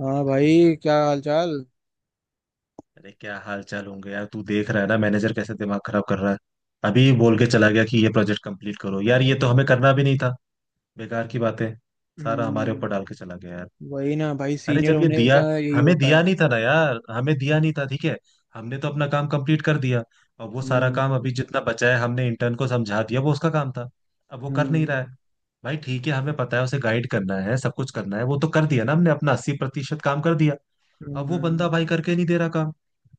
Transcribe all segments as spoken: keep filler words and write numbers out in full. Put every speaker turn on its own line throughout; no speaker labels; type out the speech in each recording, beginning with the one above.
हाँ भाई, क्या हाल चाल।
अरे क्या हाल चाल होंगे यार। तू देख रहा है ना मैनेजर कैसे दिमाग खराब कर रहा है। अभी बोल के चला गया कि ये प्रोजेक्ट कंप्लीट करो, यार ये तो हमें करना भी नहीं था। बेकार की बातें। सारा हमारे ऊपर डाल
हम्म।
के चला गया यार।
वही ना भाई,
अरे
सीनियर
जब ये
होने
दिया,
का यही
हमें
होता
दिया
है।
नहीं था ना यार, हमें दिया नहीं था ठीक है। हमने तो अपना काम कंप्लीट कर दिया। और वो सारा
हम्म।
काम अभी जितना बचा है हमने इंटर्न को समझा दिया, वो उसका काम था। अब वो कर नहीं रहा
हम्म।
है। भाई ठीक है हमें पता है उसे गाइड करना है, सब कुछ करना है, वो तो कर दिया ना हमने। अपना अस्सी प्रतिशत काम कर दिया। अब वो बंदा
हम्म।
भाई करके नहीं दे रहा काम।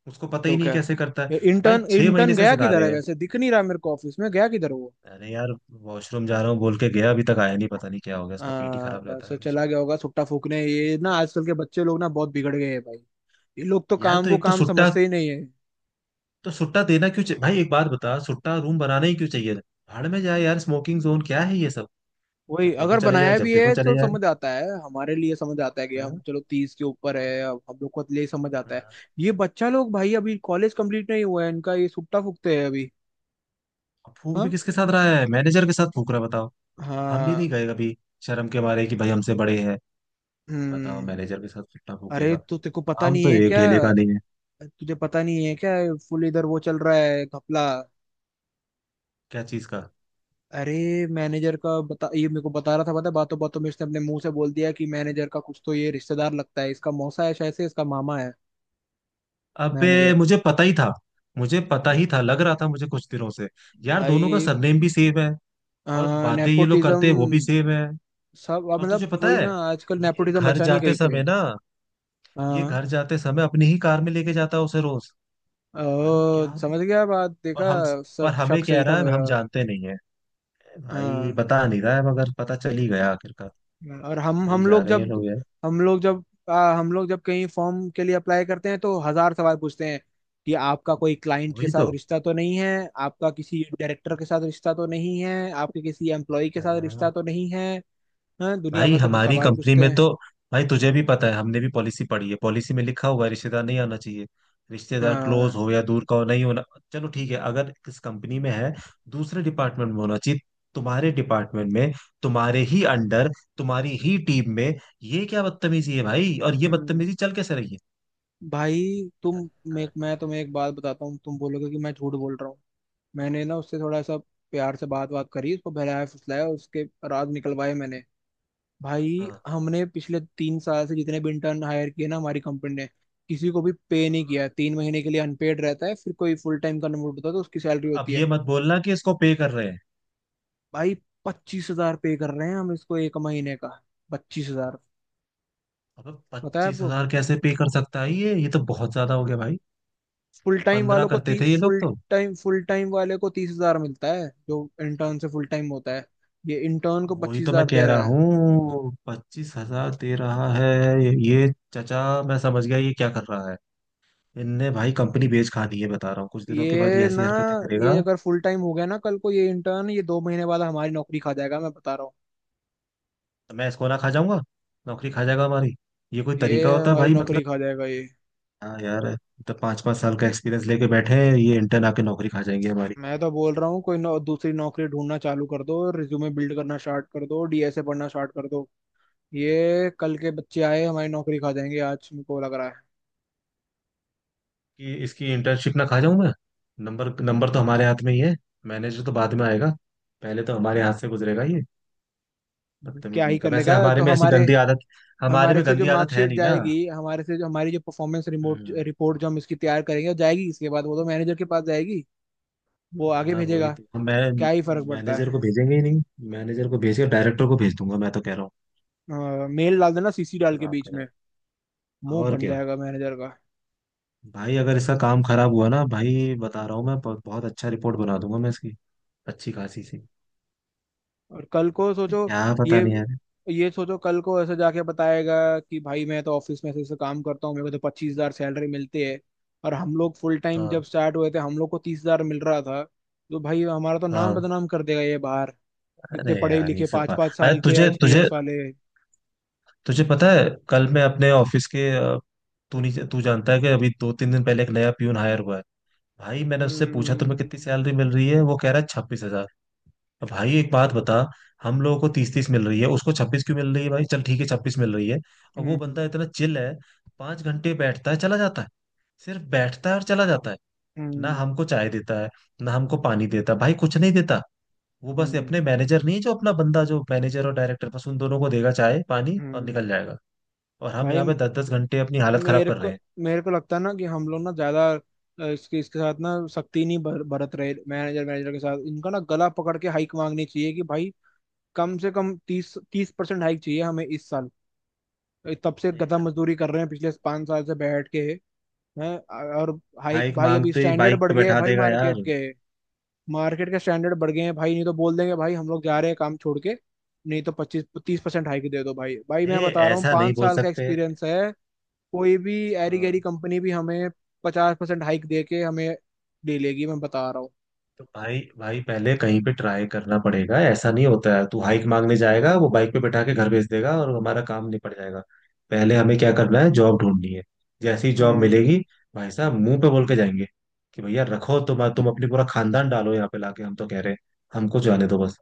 उसको पता
तो
ही नहीं
क्या।
कैसे करता है। भाई
इंटर्न
छह महीने
इंटर्न
से
गया
सिखा
किधर
रहे
है?
हैं।
वैसे दिख नहीं रहा मेरे को, ऑफिस में गया किधर है वो?
अरे यार, वॉशरूम जा रहा हूँ बोल के गया, अभी तक आया नहीं, पता नहीं क्या हो गया, इसका पेट ही
हाँ,
खराब रहता
बस
है हमेशा।
चला गया होगा सुट्टा फूकने। ये ना, आजकल के बच्चे लोग ना बहुत बिगड़ गए हैं भाई। ये लोग तो
यार
काम
तो
को
एक तो
काम
सुट्टा
समझते ही नहीं है।
तो सुट्टा देना क्यों चाहिए भाई, एक बात बता। सुट्टा रूम बनाना ही क्यों चाहिए। भाड़ में जाए यार, स्मोकिंग जोन क्या है ये सब।
वही,
जब देखो
अगर
चले जाए,
बनाया
जब
भी
देखो
है
चले
तो
जाए।
समझ आता है, हमारे लिए समझ आता है कि
हाँ?
हम चलो तीस के ऊपर है अब, हम लोग को ले समझ आता है।
हाँ।
ये बच्चा लोग भाई, अभी कॉलेज कंप्लीट नहीं हुआ है इनका, ये सुट्टा फूकते हैं अभी।
अब फूक भी
हाँ।
किसके साथ रहा है, मैनेजर के साथ फूक रहा है, बताओ। हम भी
हाँ।
नहीं गए कभी, शर्म के मारे कि भाई हमसे बड़े हैं। बताओ,
हम्म।
मैनेजर के साथ सुट्टा
अरे,
फूकेगा।
तो तेको पता
काम
नहीं
तो
है
एक
क्या?
ढेले का नहीं है।
तुझे पता नहीं है क्या? फुल इधर वो चल रहा है घपला।
क्या चीज का।
अरे, मैनेजर का बता। ये मेरे को बता रहा था, पता है, बातों बातों में इसने अपने मुंह से बोल दिया कि मैनेजर का कुछ तो ये रिश्तेदार लगता है, इसका मौसा है शायद से, इसका मामा है।
अबे
मैनेजर।
मुझे पता ही था। मुझे पता ही था, लग रहा था मुझे कुछ दिनों से। यार दोनों का
भाई,
सरनेम भी सेम है। और बातें ये लोग करते
नेपोटिज्म।
हैं वो भी सेम है।
सब, अब
और तुझे
मतलब
पता
वही
है,
ना, आजकल
ये
नेपोटिज्म
घर
बचा नहीं
जाते
कहीं पे।
समय ना ये
हाँ।
घर जाते समय अपनी ही कार में लेके जाता है उसे रोज। भाई क्या
ओ,
आदमी-
समझ गया बात,
और
देखा।
हम- और
शक
हमें
शक
कह
सही था
रहा है
मेरा।
हम जानते नहीं है। भाई
हाँ।
बता नहीं रहा है, मगर पता चल ही गया आखिरकार।
और हम
सही
हम
जा
लोग
रहे हैं ये
जब,
लोग यार।
हम लोग जब, आ, हम लोग जब कहीं फॉर्म के लिए अप्लाई करते हैं तो हजार सवाल पूछते हैं कि आपका कोई क्लाइंट के
वही
साथ
तो।
रिश्ता तो नहीं है, आपका किसी डायरेक्टर के साथ रिश्ता तो नहीं है, आपके किसी एम्प्लॉय के साथ रिश्ता
हाँ।
तो नहीं है। हाँ, दुनिया
भाई
भर के तो
हमारी
सवाल
कंपनी
पूछते
में
हैं।
तो, भाई तुझे भी पता है हमने भी पॉलिसी पढ़ी है। पॉलिसी में लिखा हुआ है रिश्तेदार नहीं आना चाहिए। रिश्तेदार
हाँ।
क्लोज हो या दूर का हो, नहीं होना। चलो ठीक है अगर किस कंपनी में है, दूसरे डिपार्टमेंट में होना चाहिए। तुम्हारे डिपार्टमेंट में, तुम्हारे ही अंडर, तुम्हारी ही टीम में, ये क्या बदतमीजी है भाई। और ये
हम्म।
बदतमीजी चल कैसे रही है।
भाई, तुम
पता है।
मैं मैं तुम्हें एक बात बताता हूँ, तुम बोलोगे कि मैं झूठ बोल रहा हूँ। मैंने ना उससे थोड़ा सा प्यार से बात बात करी, उसको बहलाया फुसलाया, उसके राज निकलवाए मैंने। भाई,
हाँ,
हमने पिछले तीन साल से जितने भी इंटर्न हायर किए ना हमारी कंपनी ने, किसी को भी पे नहीं
हाँ।
किया। तीन महीने के लिए अनपेड रहता है, फिर कोई फुल टाइम कन्वर्ट होता है तो उसकी सैलरी
अब
होती है।
ये मत बोलना कि इसको पे कर रहे हैं।
भाई, पच्चीस हजार पे कर रहे हैं हम इसको, एक महीने का। पच्चीस हजार।
अब
पता है
पच्चीस
आपको?
हजार कैसे पे कर सकता है ये ये तो बहुत ज्यादा हो गया भाई।
फुल टाइम
पंद्रह
वालों को
करते
ती,
थे ये लोग
फुल
तो।
टाइम फुल टाइम वाले को तीस हजार मिलता है, जो इंटर्न से फुल टाइम होता है। ये इंटर्न को
वही
पच्चीस
तो मैं
हजार दे
कह रहा
रहा है।
हूँ पच्चीस हजार दे रहा है ये। चचा। मैं समझ गया ये क्या कर रहा है। इनने भाई कंपनी बेच खा दी है, बता रहा हूँ कुछ दिनों के बाद ये
ये
ऐसी
ना
हरकतें करेगा।
ये अगर फुल टाइम हो गया ना कल को, ये इंटर्न, ये दो महीने बाद हमारी नौकरी खा जाएगा मैं बता रहा हूँ।
तो मैं इसको ना खा जाऊंगा। नौकरी खा जाएगा हमारी। ये कोई
ये
तरीका होता है
हमारी
भाई,
नौकरी
मतलब।
खा जाएगा ये।
हाँ यार, तो पांच पांच साल का एक्सपीरियंस लेके बैठे हैं, ये इंटर्न आके नौकरी खा जाएंगे हमारी।
मैं तो बोल रहा हूँ, कोई नौ, दूसरी नौकरी ढूंढना चालू कर दो, रिज्यूमे बिल्ड करना स्टार्ट कर दो, डी एस ए पढ़ना स्टार्ट कर दो। ये कल के बच्चे आए, हमारी नौकरी खा जाएंगे आज, मेरे को लग रहा है।
कि इसकी इंटर्नशिप ना खा जाऊं मैं। नंबर नंबर तो हमारे हाथ में ही है। मैनेजर तो बाद में आएगा, पहले तो हमारे हाथ से गुजरेगा ये। बदतमीज
क्या ही
नहीं कर,
कर
वैसे
लेगा
हमारे
तो
में ऐसी
हमारे?
गंदी आदत, हमारे
हमारे
में
से जो
गंदी आदत है
मार्कशीट
नहीं ना।
जाएगी, हमारे से जो हमारी जो परफॉर्मेंस रिमोट
हम्म।
रिपोर्ट जो हम इसकी तैयार करेंगे वो जाएगी, इसके बाद वो तो मैनेजर के पास जाएगी। वो आगे
हाँ वही
भेजेगा।
तो हम- मैं
क्या ही फर्क पड़ता
मैनेजर को भेजेंगे ही नहीं। मैनेजर को भेज के डायरेक्टर को भेज दूंगा, मैं तो कह रहा हूँ।
है, मेल डाल देना सी सी डाल
जब
के
आप
बीच
कह रहे
में,
हैं,
मुंह
और
बन
क्या।
जाएगा मैनेजर का।
भाई अगर इसका काम खराब हुआ ना, भाई बता रहा हूँ मैं, ब- बहुत अच्छा रिपोर्ट बना दूंगा मैं इसकी। अच्छी खासी सी।
और कल को
तो
सोचो,
क्या, पता
ये
नहीं यार।
ये सोचो कल को ऐसे जाके बताएगा कि भाई मैं तो ऑफिस में ऐसे ऐसे काम करता हूँ, मेरे को तो पच्चीस हजार सैलरी मिलती है, और हम लोग फुल टाइम
हाँ।
जब स्टार्ट हुए थे हम लोग को तीस हजार मिल रहा था। तो भाई, हमारा तो नाम
हाँ।
बदनाम कर देगा ये बाहर,
अरे
कितने पढ़े
यार ये
लिखे
सब
पाँच
बात,
पाँच
अरे
साल के
तुझे तुझे
एक्सपीरियंस वाले।
तुझे पता है, कल मैं अपने ऑफिस के अ, तू नहीं, तू जानता है कि अभी दो तीन दिन पहले एक नया प्यून हायर हुआ है। भाई मैंने उससे पूछा तुम्हें
हम्म।
कितनी सैलरी मिल रही है, वो कह रहा है छब्बीस हजार। अब भाई एक बात बता, हम लोगों को तीस तीस मिल रही है, उसको छब्बीस क्यों मिल रही है। भाई चल ठीक है छब्बीस मिल रही है, और वो
हम्म।
बंदा इतना चिल है। पांच घंटे बैठता है, चला जाता है। सिर्फ बैठता है और चला जाता है। ना
हम्म।
हमको चाय देता है, ना हमको पानी देता है, भाई कुछ नहीं देता। वो बस
हम्म।
अपने मैनेजर नहीं है, जो अपना बंदा, जो मैनेजर और डायरेक्टर, बस उन दोनों को देगा चाय पानी और
हम्म।
निकल जाएगा। और हम यहाँ पे
भाई,
दस दस घंटे अपनी हालत खराब
मेरे
कर
को
रहे हैं।
मेरे को लगता है ना कि हम लोग ना ज्यादा अ, इसके इसके साथ ना सख्ती नहीं बर, बरत रहे। मैनेजर मैनेजर के साथ इनका ना गला पकड़ के हाइक मांगनी चाहिए कि भाई कम से कम तीस तीस परसेंट हाइक चाहिए हमें इस साल। तब से
अरे
गधा
गलत।
मजदूरी कर रहे हैं पिछले पाँच साल से बैठ के। हैं? और हाइक,
भाई
भाई अभी
मांगते ही
स्टैंडर्ड
बाइक
बढ़
पे
गया है
बैठा
भाई,
देगा
मार्केट के मार्केट के स्टैंडर्ड बढ़ गए हैं भाई। नहीं तो बोल देंगे भाई हम लोग जा
यार।
रहे हैं काम छोड़ के। नहीं तो पच्चीस तीस परसेंट हाइक दे दो भाई भाई मैं
ए,
बता रहा हूँ,
ऐसा नहीं
पाँच
बोल
साल का
सकते।
एक्सपीरियंस है। कोई भी एरी गैरी
हाँ
कंपनी भी हमें पचास परसेंट हाइक दे के हमें ले लेगी, मैं बता रहा हूँ।
तो भाई, भाई पहले कहीं पे ट्राई करना पड़ेगा। ऐसा नहीं होता है तू हाइक मांगने जाएगा, वो बाइक पे बैठा के घर भेज देगा और हमारा काम निपट जाएगा। पहले हमें क्या करना है, जॉब ढूंढनी है। जैसी जॉब
हम्म।
मिलेगी, भाई साहब मुंह पे बोल के जाएंगे कि भैया रखो, तुम तुम अपनी पूरा खानदान डालो यहाँ पे लाके, हम तो कह रहे हैं हमको जाने दो बस।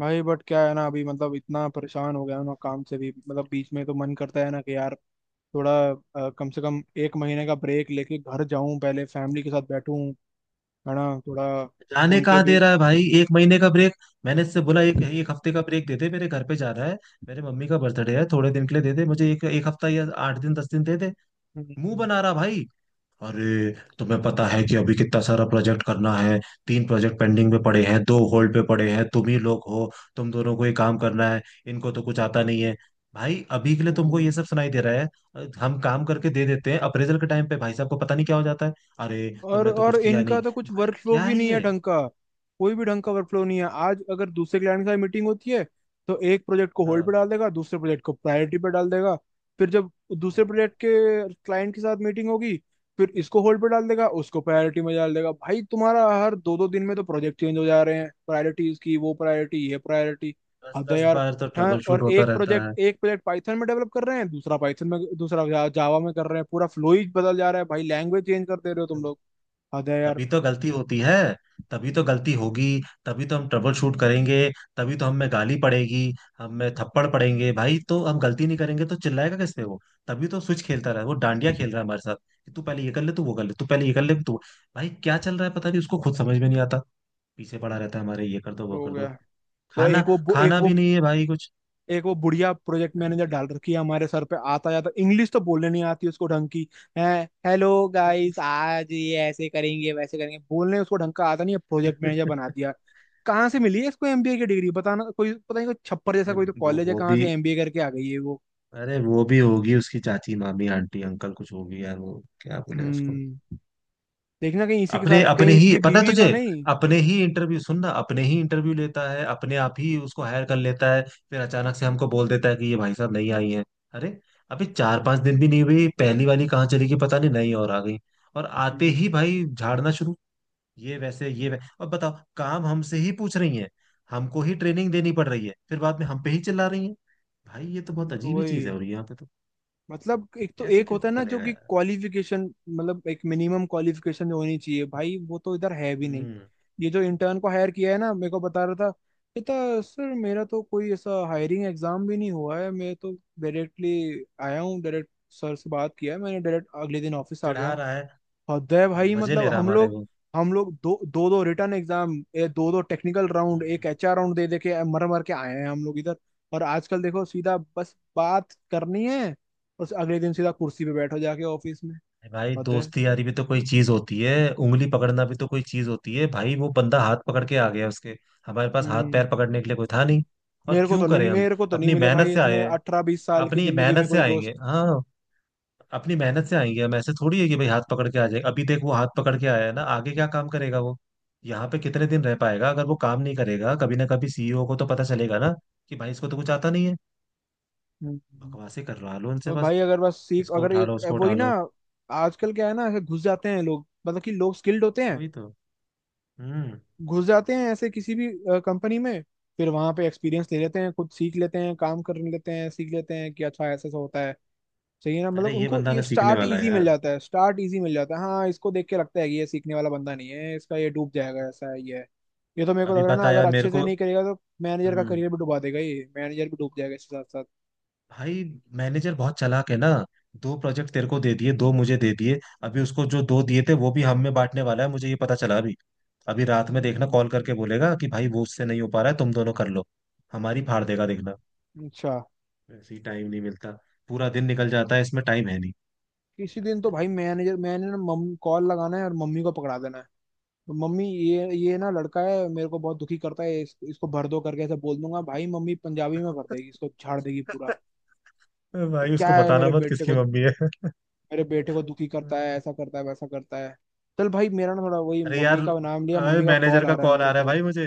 भाई, बट क्या है ना, अभी मतलब इतना परेशान हो गया हूं ना काम से भी, मतलब बीच में तो मन करता है ना कि यार थोड़ा अ, कम से कम एक महीने का ब्रेक लेके घर जाऊं पहले, फैमिली के साथ बैठूं। है ना? थोड़ा
जाने
उनके
कहाँ
भी।
दे रहा है भाई एक महीने का ब्रेक। मैंने इससे बोला एक एक हफ्ते का ब्रेक दे दे, मेरे घर पे जा रहा है, मेरे मम्मी का बर्थडे है, थोड़े दिन के लिए दे दे मुझे, एक एक हफ्ता या आठ दिन दस दिन दे दे। मुंह
हम्म।
बना रहा भाई। अरे तुम्हें पता है कि अभी कितना सारा प्रोजेक्ट करना है। तीन प्रोजेक्ट पेंडिंग में पड़े हैं, दो होल्ड पे पड़े हैं, तुम ही लोग हो, तुम दोनों को ही काम करना है। इनको तो कुछ आता नहीं है। भाई अभी के लिए तुमको ये
हम्म।
सब सुनाई दे रहा है। अ, हम काम करके दे देते हैं, अप्रेजल के टाइम पे भाई साहब को पता नहीं क्या हो जाता है। अरे
और
तुमने तो
और
कुछ किया नहीं।
इनका तो कुछ
भाई
वर्क फ्लो
क्या
भी
है
नहीं है
ये।
ढंग का, कोई भी ढंग का वर्क फ्लो नहीं है। आज अगर दूसरे क्लाइंट के साथ मीटिंग होती है तो एक प्रोजेक्ट को होल्ड पे
हाँ
डाल देगा, दूसरे प्रोजेक्ट को प्रायोरिटी पे डाल देगा। फिर जब दूसरे प्रोजेक्ट के क्लाइंट के साथ मीटिंग होगी, फिर इसको होल्ड पे डाल देगा, उसको प्रायोरिटी में डाल देगा। भाई तुम्हारा हर दो दो दिन में तो प्रोजेक्ट चेंज हो जा रहे हैं, प्रायोरिटीज की, वो प्रायोरिटी ये प्रायोरिटी।
दस
हद है
दस
यार।
बार तो
हाँ,
ट्रबल
और
शूट होता
एक
रहता
प्रोजेक्ट
है।
एक प्रोजेक्ट पाइथन में डेवलप कर रहे हैं, दूसरा पाइथन में, दूसरा जावा में कर रहे हैं, पूरा फ्लो ही बदल जा रहा है भाई, लैंग्वेज चेंज कर दे रहे हो तुम लोग। हद है यार।
तभी तो गलती होती है, तभी तो गलती होगी, तभी तो हम ट्रबल शूट करेंगे, तभी तो हमें गाली पड़ेगी, हमें थप्पड़ पड़ेंगे भाई। तो हम गलती नहीं करेंगे तो चिल्लाएगा किस पे वो। तभी तो स्विच खेलता रहा है, वो डांडिया खेल रहा है हमारे साथ, कि तू पहले ये कर ले, तू वो कर ले, तू पहले ये कर ले तू। भाई क्या चल रहा है पता नहीं, उसको खुद समझ में नहीं आता। पीछे पड़ा रहता है हमारे, ये कर दो वो
तो हो
कर
गया।
दो।
वो
खाना,
एक वो बु- एक
खाना
वो
भी नहीं है भाई कुछ।
एक वो बुढ़िया प्रोजेक्ट
भाई
मैनेजर
क्या
डाल रखी है हमारे सर पे, आता जाता इंग्लिश तो बोलने नहीं आती उसको ढंग की है। हेलो गाइस, आज ये ऐसे करेंगे वैसे करेंगे, बोलने उसको ढंग का आता नहीं है। प्रोजेक्ट मैनेजर बना दिया। कहाँ से मिली है इसको एम बी ए की डिग्री बताना? कोई पता नहीं, कोई छप्पर जैसा
हम्म।
कोई तो
अरे वो
कॉलेज है,
वो
कहाँ
भी
से एम बी ए करके आ गई है वो।
अरे वो भी होगी उसकी चाची मामी आंटी अंकल कुछ होगी यार, वो क्या बोले उसको।
हम्म। देखना कहीं इसी के साथ
अपने अपने
कहीं
ही
इसकी
पता है
बीवी तो
तुझे,
नहीं।
अपने ही इंटरव्यू सुन ना, अपने ही इंटरव्यू लेता है, अपने आप ही उसको हायर कर लेता है, फिर अचानक से हमको बोल देता है कि ये भाई साहब नहीं आई हैं। अरे अभी चार पांच दिन भी नहीं हुई, पहली वाली कहाँ चली गई पता नहीं, नई और आ गई। और आते
हम्म।
ही भाई झाड़ना शुरू। ये वैसे ये वै... और बताओ, काम हमसे ही पूछ रही है, हमको ही ट्रेनिंग देनी पड़ रही है, फिर बाद में हम पे ही चिल्ला रही है। भाई ये तो बहुत अजीब ही चीज है।
वही,
और यहाँ पे तो
मतलब एक तो
ऐसे
एक होता
कैसे
है ना जो
चलेगा
कि
यार।
क्वालिफिकेशन, मतलब एक मिनिमम क्वालिफिकेशन होनी चाहिए भाई, वो तो इधर है भी नहीं।
हम्म।
ये जो इंटर्न को हायर किया है ना, मेरे को बता रहा था, कहता सर मेरा तो कोई ऐसा हायरिंग एग्जाम भी नहीं हुआ है, मैं तो डायरेक्टली आया हूँ। डायरेक्ट सर से बात किया है मैंने, डायरेक्ट अगले दिन ऑफिस आ गया
चिढ़ा
हूँ।
रहा है,
हृदय। भाई,
मजे
मतलब
ले रहा है
हम
हमारे
लोग
वो।
हम लोग दो दो दो रिटर्न एग्जाम, दो दो टेक्निकल राउंड,
हम्म।
एक एच आर राउंड दे दे के मर मर के आए हैं हम लोग इधर। और आजकल देखो सीधा बस बात करनी है, और अगले दिन सीधा कुर्सी पे बैठो जाके ऑफिस में।
अरे भाई
हृदय।
दोस्ती यारी भी तो कोई चीज होती है। उंगली पकड़ना भी तो कोई चीज होती है भाई। वो बंदा हाथ पकड़ के आ गया, उसके हमारे पास हाथ
हम्म।
पैर पकड़ने के लिए कोई था नहीं। और
मेरे को
क्यों
तो नहीं
करें हम,
मेरे को तो नहीं
अपनी
मिले
मेहनत
भाई
से आए
इतने
हैं,
अठारह बीस साल की
अपनी
जिंदगी में
मेहनत से
कोई दोस्त।
आएंगे। हाँ, अपनी मेहनत से आएंगे हम। ऐसे थोड़ी है कि भाई हाथ पकड़ के आ जाए। अभी देख वो हाथ पकड़ के आया है ना, आगे क्या काम करेगा वो, यहाँ पे कितने दिन रह पाएगा। अगर वो काम नहीं करेगा कभी ना कभी सीईओ को तो पता चलेगा ना, कि भाई इसको तो कुछ आता नहीं है।
हम्म।
बकवासे करवा लो उनसे
और
बस।
भाई, अगर बस सीख,
इसको
अगर
उठा लो,
एक
उसको
वही
उठा
ना,
लो।
आजकल क्या है ना, ऐसे घुस जाते हैं लोग, मतलब कि लोग स्किल्ड होते हैं,
वही तो। हम्म।
घुस जाते हैं ऐसे किसी भी कंपनी में, फिर वहां पे एक्सपीरियंस ले लेते हैं, खुद सीख लेते हैं, काम कर लेते हैं, सीख लेते हैं कि अच्छा ऐसा ऐसा होता है। सही है ना?
अरे
मतलब
ये
उनको
बंदा ना
ये
सीखने
स्टार्ट
वाला है
इजी मिल
यार।
जाता है, स्टार्ट इजी मिल जाता है हाँ, इसको देख के लगता है कि ये सीखने वाला बंदा नहीं है इसका, ये डूब जाएगा, ऐसा है ये है। ये तो मेरे को
अभी
लग रहा है ना,
पता है
अगर
यार मेरे
अच्छे से
को।
नहीं करेगा तो मैनेजर का
हम्म।
करियर भी डुबा देगा ये, मैनेजर भी डूब जाएगा इसके साथ साथ।
भाई मैनेजर बहुत चालाक है ना। दो प्रोजेक्ट तेरे को दे दिए, दो मुझे दे दिए, अभी उसको जो दो दिए थे वो भी हम में बांटने वाला है, मुझे ये पता चला अभी। अभी रात में देखना
हम्म।
कॉल करके बोलेगा कि भाई वो उससे नहीं हो पा रहा है, तुम दोनों कर लो। हमारी फाड़ देगा देखना।
अच्छा।
वैसे ही टाइम नहीं मिलता, पूरा दिन निकल जाता है, इसमें टाइम है नहीं।
किसी
क्या
दिन तो
करें,
भाई
पता
मैनेजर, मैंने ना मम कॉल लगाना है और मम्मी को पकड़ा देना है। तो मम्मी, ये ये ना लड़का है मेरे को बहुत दुखी करता है, इस, इसको भर दो, करके ऐसे बोल दूंगा भाई, मम्मी पंजाबी में भर देगी, इसको झाड़ देगी पूरा।
नहीं।
ये
भाई उसको
क्या है
बताना
मेरे
मत
बेटे
किसकी
को,
मम्मी
मेरे बेटे को दुखी करता है,
है।
ऐसा करता है वैसा करता है। चल भाई, मेरा ना थोड़ा वही,
अरे यार,
मम्मी का नाम लिया
अरे
मम्मी का
मैनेजर
कॉल आ
का
रहा है
कॉल
मेरे
आ रहा है
को।
भाई मुझे।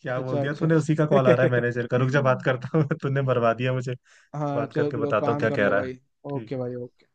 क्या बोल
अच्छा
दिया
अच्छा।
तूने, उसी का कॉल आ रहा है मैनेजर का, रुक जा बात करता हूँ। तूने मरवा दिया मुझे।
हाँ,
बात
चलो
करके
चलो,
बताता हूँ
काम
क्या
कर
कह
लो
रहा है।
भाई।
ठीक
ओके
है।
भाई, ओके।